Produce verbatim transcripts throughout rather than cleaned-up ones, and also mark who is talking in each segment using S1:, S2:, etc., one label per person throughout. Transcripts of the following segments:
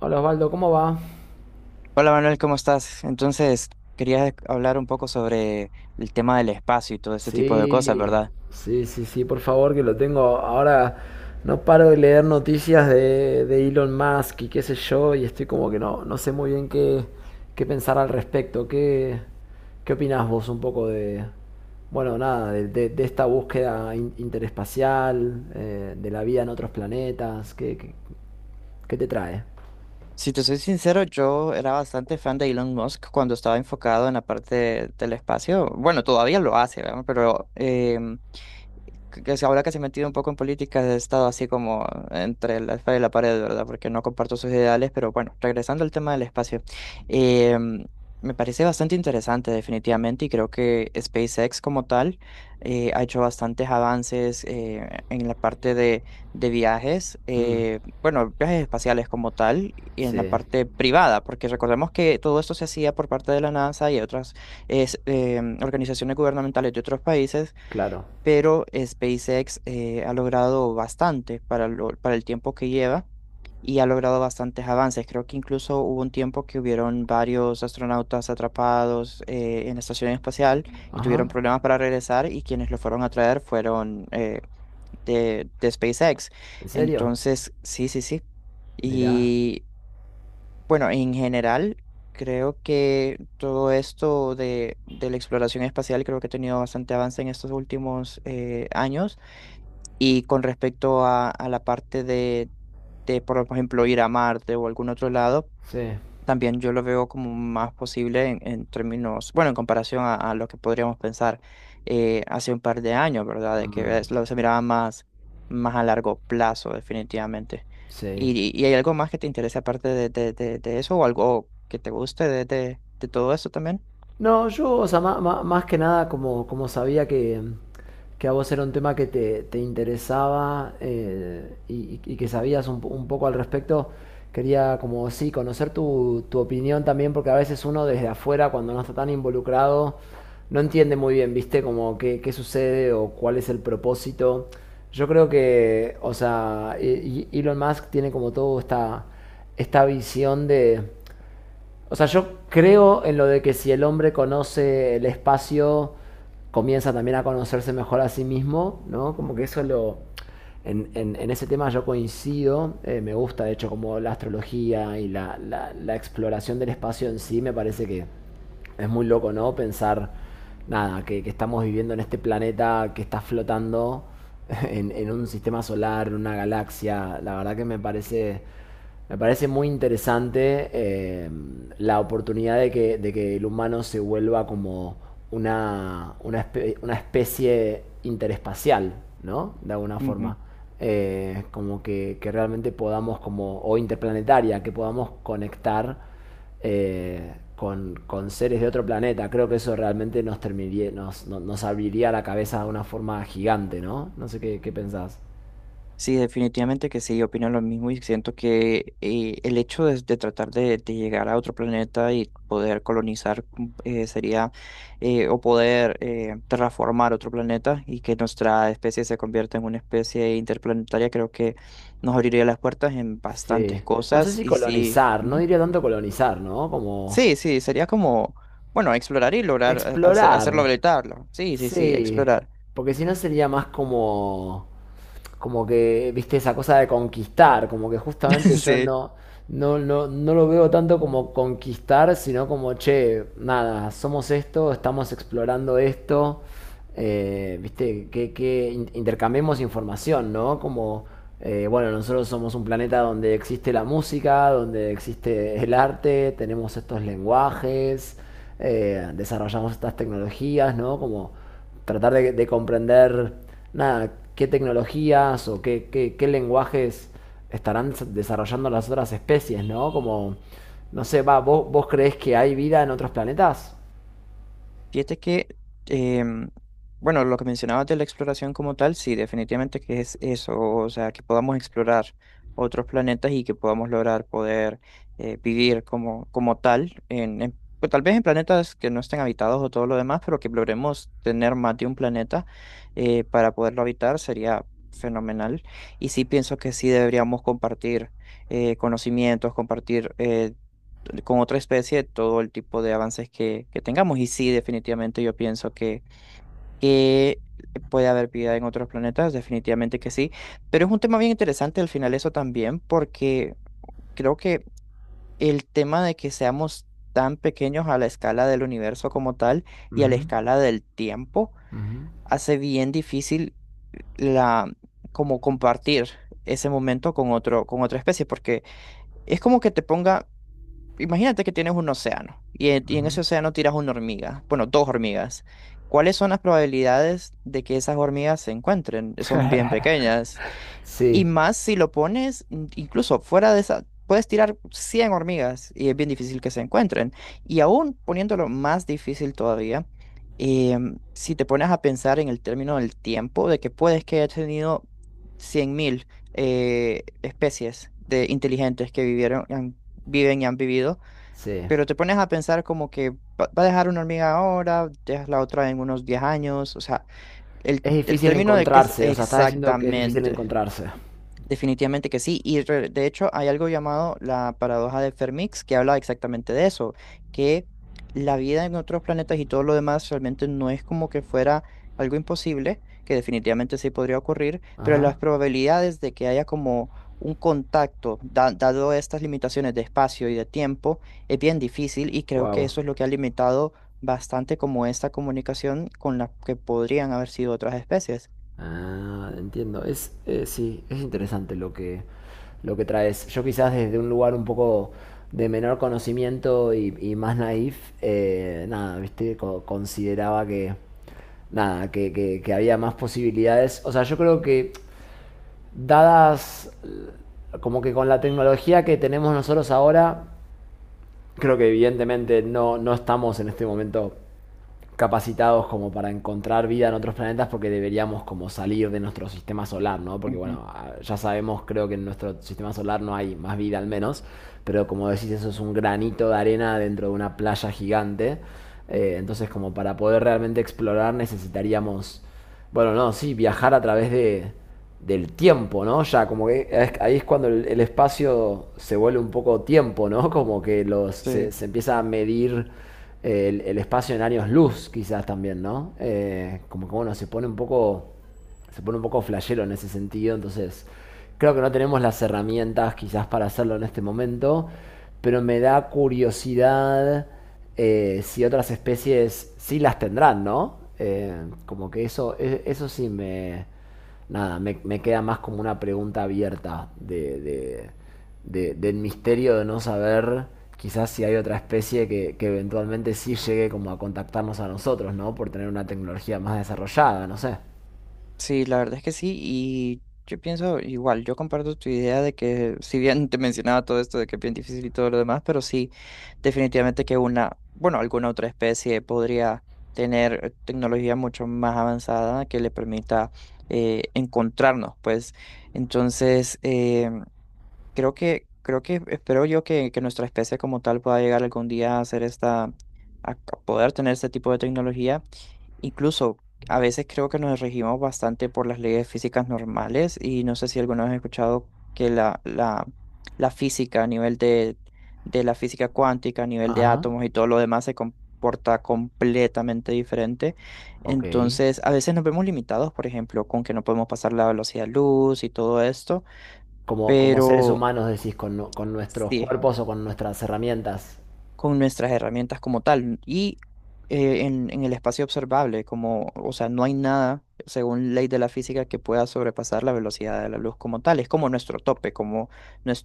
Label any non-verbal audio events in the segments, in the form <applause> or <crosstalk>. S1: Hola Osvaldo, ¿cómo va?
S2: Hola Manuel, ¿cómo estás? Entonces, quería hablar un poco sobre el tema del espacio y todo ese tipo de cosas,
S1: Sí,
S2: ¿verdad?
S1: sí, sí, sí, por favor, que lo tengo. Ahora no paro de leer noticias de, de Elon Musk y qué sé yo, y estoy como que no, no sé muy bien qué, qué pensar al respecto. ¿Qué, qué opinás vos un poco de, bueno, nada, de, de- de esta búsqueda in- interespacial, eh, de la vida en otros planetas? ¿Qué, qué- qué te trae?
S2: Si te soy sincero, yo era bastante fan de Elon Musk cuando estaba enfocado en la parte del espacio. Bueno, todavía lo hace, ¿verdad? Pero em, que que se- ahora que se ha metido un poco en política, he estado así como entre la espada y la pared, ¿verdad? Porque no comparto sus ideales, pero bueno, regresando al tema del espacio, eh, me parece bastante interesante definitivamente y creo que SpaceX como tal eh, ha hecho bastantes avances eh, en la parte de, de viajes,
S1: Mm,
S2: eh, bueno, viajes espaciales como tal y en la
S1: sí,
S2: parte privada, porque recordemos que todo esto se hacía por parte de la NASA y otras es, em, organizaciones gubernamentales de otros países,
S1: claro.
S2: pero SpaceX eh, ha logrado bastante para, lo- para el tiempo que lleva y ha logrado bastantes avances. Creo que incluso hubo un tiempo que hubieron varios astronautas atrapados eh, en la estación espacial y
S1: Ajá,
S2: tuvieron problemas para regresar, y quienes los fueron a traer fueron eh, de, de SpaceX.
S1: ¿en serio?
S2: Entonces, sí, sí, sí.
S1: Mirá,
S2: Y bueno, en general, creo que todo esto de, de la exploración espacial creo que ha tenido bastante avance en estos últimos eh, años, y con respecto a, a la parte de, de, por ejemplo, ir a Marte o algún otro lado,
S1: sí.
S2: también yo lo veo como más posible en, en términos, bueno, en comparación a, a lo que podríamos pensar eh, hace un par de años, ¿verdad? De
S1: Mm,
S2: que es- lo, Se miraba más, más a largo plazo, definitivamente.
S1: sí.
S2: ¿Y, y hay algo más que te interese aparte de, de, de, de eso o algo que te guste de, de, de todo eso también?
S1: No, yo, o sea, ma- ma- más, que nada, como, como sabía que, que a vos era un tema que te, te interesaba, eh, y, y que sabías un, po- un poco al respecto, quería como sí, conocer tu, tu opinión también, porque a veces uno desde afuera, cuando no está tan involucrado, no entiende muy bien, ¿viste? Como qué, qué sucede o cuál es el propósito. Yo creo que, o sea, e- e- Elon Musk tiene como todo esta, esta visión de. O sea, yo creo en lo de que si el hombre conoce el espacio, comienza también a conocerse mejor a sí mismo, ¿no? Como que eso lo... En, en- en ese tema yo coincido, eh, me gusta de hecho como la astrología y la, la- la exploración del espacio en sí, me parece que es muy loco, ¿no? Pensar, nada, que, que estamos viviendo en este planeta que está flotando <laughs> en, en un sistema solar, en una galaxia, la verdad que me parece me parece muy interesante, eh, la oportunidad de que, de que el humano se vuelva como una, una, espe- una especie interespacial, ¿no? De alguna forma. Eh, como que, que realmente podamos, como, o interplanetaria, que podamos conectar, eh, con, con seres de otro planeta. Creo que eso realmente nos, terminaría, nos, no- nos abriría la cabeza de una forma gigante, ¿no? No sé qué, qué pensás.
S2: Sí, definitivamente que sí, opino lo mismo, y siento que eh, el hecho de, de tratar de, de llegar a otro planeta y poder colonizar mm, eh, sería, eh, o poder eh, terraformar otro planeta y que nuestra especie se convierta en una especie interplanetaria. Creo que nos abriría las puertas en bastantes
S1: Sí. No sé
S2: cosas
S1: si
S2: y sí,
S1: colonizar, no
S2: ujú.
S1: diría tanto colonizar, ¿no? Como
S2: Sí, sí, sería como, bueno, explorar y lograr eh, hacer, hacerlo
S1: explorar.
S2: habilitarlo. Sí, sí, sí,
S1: Sí.
S2: explorar.
S1: Porque si no sería más como, como que, viste, esa cosa de conquistar, como que justamente
S2: <laughs>
S1: yo
S2: Sí.
S1: no, no, no, no lo veo tanto como conquistar, sino como, che, nada, somos esto, estamos explorando esto, eh, viste, que, que in- intercambiemos información, ¿no? Como, eh, bueno, nosotros somos un planeta donde existe la música, donde existe el arte, tenemos estos lenguajes, eh, desarrollamos estas tecnologías, ¿no? Como tratar de, de comprender, nada, qué tecnologías o qué, qué, qué lenguajes estarán desarrollando las otras especies, ¿no? Como, no sé, va, ¿vos, vos creés que hay vida en otros planetas?
S2: Fíjate que, em, bueno, lo que mencionabas de la exploración como tal, sí, definitivamente que es eso, o sea, que podamos explorar otros planetas y que podamos lograr poder eh, vivir como, como tal, en, en- pues, tal vez en planetas que no estén habitados o todo lo demás, pero que logremos tener más de un planeta eh, para poderlo habitar sería fenomenal. Y sí pienso que sí deberíamos compartir eh, conocimientos, compartir eh, con otra especie todo el tipo de avances que, que tengamos. Y sí, definitivamente yo pienso que, que puede haber vida en otros planetas, definitivamente que sí. Pero es un tema bien interesante al final eso también, porque creo que el tema de que seamos tan pequeños a la escala del universo como tal y a la
S1: Ujú,
S2: escala del tiempo
S1: ujú,
S2: hace bien difícil la como compartir ese momento con otro con otra especie, porque es como que te ponga, imagínate que tienes un océano y en, y en
S1: ujú.
S2: ese océano tiras una hormiga, bueno, dos hormigas. ¿Cuáles son las probabilidades de que esas hormigas se encuentren? Son bien
S1: <laughs>
S2: pequeñas. Y
S1: Sí,
S2: más si lo pones mm, incluso fuera de esa, puedes tirar cien hormigas y es bien difícil que se encuentren. Y aún poniéndolo más difícil todavía, em, si te pones a pensar en el término del tiempo, de que puedes que haya tenido cien mil eh, especies de inteligentes que vivieron, han- viven y han vivido,
S1: sí.
S2: pero te pones a pensar como que va va a dejar una hormiga ahora, dejas la otra en unos diez años, o sea, el,
S1: Es
S2: el
S1: difícil
S2: término de qué es
S1: encontrarse, o sea, estás diciendo que es difícil
S2: exactamente.
S1: encontrarse.
S2: Definitivamente que sí, y re- de hecho hay algo llamado la paradoja de Fermix que habla exactamente de eso, que la vida en otros planetas y todo lo demás realmente no es como que fuera algo imposible, que definitivamente sí podría ocurrir, pero
S1: Ajá.
S2: las probabilidades de que haya como un contacto, da- dado estas limitaciones de espacio y de tiempo, es bien difícil y creo que
S1: Wow.
S2: eso es lo que ha limitado bastante como esta comunicación con la que podrían haber sido otras especies.
S1: Ah, entiendo. Es, eh, sí, es interesante lo que, lo que traes. Yo quizás desde un lugar un poco de menor conocimiento y, y más naif, eh, nada, viste, Co- consideraba que, nada, que, que- que había más posibilidades. O sea, yo creo que dadas, eh, como que con la tecnología que tenemos nosotros ahora, creo que evidentemente no, no estamos en este momento capacitados como para encontrar vida en otros planetas porque deberíamos como salir de nuestro sistema solar, ¿no? Porque
S2: Ujú,
S1: bueno, ah, ya sabemos, creo que en nuestro sistema solar no hay más vida al menos, pero como decís, eso es un granito de arena dentro de una playa gigante. Eh, entonces, como para poder realmente explorar necesitaríamos, bueno, no, sí, viajar a través de, del tiempo, ¿no? Ya como que es-
S2: ujú.
S1: ahí es cuando el, el espacio se vuelve un poco tiempo, ¿no? Como que los, se,
S2: Sí.
S1: se empieza a medir el, el espacio en años luz, quizás también, ¿no? Eh, como que bueno, se pone un poco. Se pone un poco flashero en ese sentido. Entonces, creo que no tenemos las herramientas quizás para hacerlo en este momento. Pero me da curiosidad, eh, si otras especies sí las tendrán, ¿no? Eh, como que eso, e- eso sí me. Nada, me, me queda más como una pregunta abierta de, de- de- del misterio de no saber quizás si hay otra especie que, que eventualmente sí llegue como a contactarnos a nosotros, ¿no? Por tener una tecnología más desarrollada, no sé.
S2: Sí, la verdad es que sí, y yo pienso igual, yo comparto tu idea de que si bien te mencionaba todo esto de que es bien difícil y todo lo demás, pero sí, definitivamente que una, bueno, alguna otra especie podría tener eh, tecnología mucho más avanzada que le permita eh, encontrarnos, pues entonces, eh, creo que, creo que espero yo que, que nuestra especie como tal pueda llegar algún día a hacer esta, a a poder tener este tipo de tecnología. Incluso a veces creo que nos regimos bastante por las leyes físicas normales y no sé si alguna vez has escuchado que la, la, la física a nivel de, de la física cuántica, a nivel de
S1: Ajá,
S2: átomos y todo lo demás se comporta completamente diferente.
S1: ok.
S2: Entonces, a veces nos vemos limitados, por ejemplo, con que no podemos pasar la velocidad de luz y todo esto.
S1: Como, como seres
S2: Pero
S1: humanos decís, con, nu- con nuestros
S2: sí,
S1: cuerpos o con nuestras herramientas.
S2: con nuestras herramientas como tal. Y eh, en, en el espacio observable, como, o sea, no hay nada, según ley de la física, que pueda sobrepasar la velocidad de la luz como tal. Es como nuestro tope, como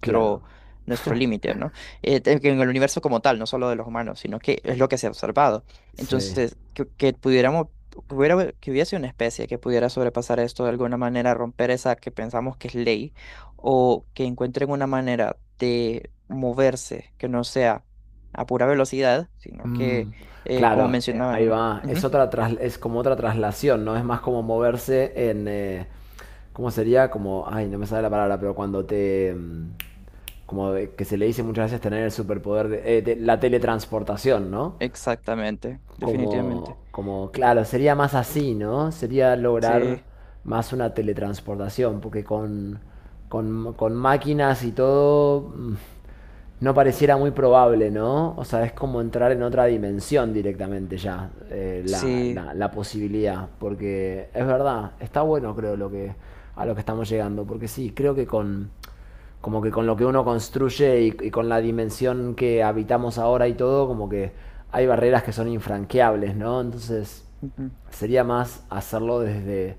S1: Claro,
S2: nuestro límite, ¿no? Eh, te- que en el universo como tal, no solo de los humanos, sino que es lo que se ha observado.
S1: sí.
S2: Entonces, que, que pudiéramos... que hubiera, que hubiese una especie que pudiera sobrepasar esto de alguna manera, romper esa que pensamos que es ley, o que encuentren una manera de moverse que no sea a pura velocidad, sino
S1: Mm,
S2: que, eh, como
S1: claro, eh, ahí
S2: mencionaban,
S1: va. Es
S2: ujú,
S1: otra tras- es como otra traslación, ¿no? Es más como moverse en, eh, ¿cómo sería? Como, ay, no me sale la palabra, pero cuando te... mm, como que se le dice muchas veces tener el superpoder de... eh, te- la teletransportación, ¿no?
S2: exactamente,
S1: como,
S2: definitivamente.
S1: como, claro, sería más así, ¿no? Sería lograr
S2: Sí,
S1: más una teletransportación, porque con, con, con máquinas y todo, mm, no pareciera muy probable, ¿no? O sea, es como entrar en otra dimensión directamente ya, eh, la,
S2: sí.
S1: la- la posibilidad, porque es verdad, está bueno creo lo que, a lo que estamos llegando, porque sí, creo que con como que con lo que uno construye y, y con la dimensión que habitamos ahora y todo, como que hay barreras que son infranqueables, ¿no? Entonces
S2: Ujú,
S1: sería más hacerlo desde,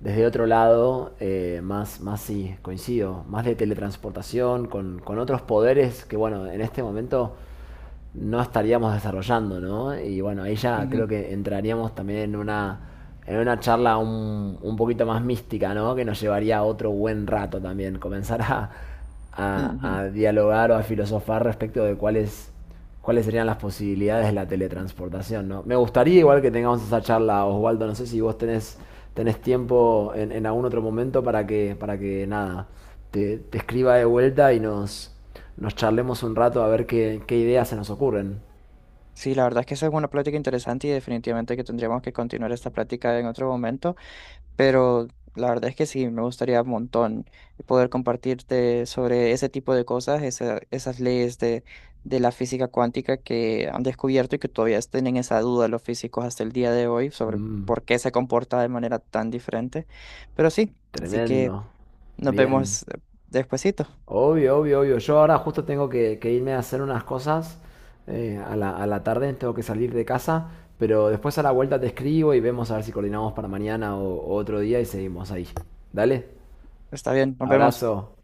S1: desde otro lado, eh, más, más sí, coincido, más de teletransportación, con, con otros poderes que, bueno, en este momento no estaríamos desarrollando, ¿no? Y bueno, ahí ya
S2: ujú,
S1: creo que entraríamos también en una en una charla un, un poquito más mística, ¿no? Que nos llevaría otro buen rato también, comenzar a, a,
S2: ujú.
S1: a dialogar o a filosofar respecto de cuáles cuáles serían las posibilidades de la teletransportación, ¿no? Me gustaría igual que tengamos esa charla, Osvaldo, no sé si vos tenés, tenés tiempo en, en algún otro momento para que, para que nada, te, te escriba de vuelta y nos, nos charlemos un rato a ver qué, qué ideas se nos ocurren.
S2: Sí, la verdad es que esa es una plática interesante y definitivamente que tendríamos que continuar esta plática en otro momento. Pero la verdad es que sí, me gustaría un montón poder compartirte sobre ese tipo de cosas, esa- esas leyes de, de la física cuántica que han descubierto y que todavía tienen esa duda los físicos hasta el día de hoy sobre
S1: Mm,
S2: por qué se comporta de manera tan diferente. Pero sí, así que
S1: tremendo.
S2: nos
S1: Bien.
S2: vemos eh, despuesito.
S1: Obvio, obvio, obvio. Yo ahora justo tengo que, que irme a hacer unas cosas. eh, a la, a la tarde tengo que salir de casa. Pero después a la vuelta te escribo y vemos a ver si coordinamos para mañana o, o otro día y seguimos ahí. Dale.
S2: Está bien, nos vemos.
S1: Abrazo.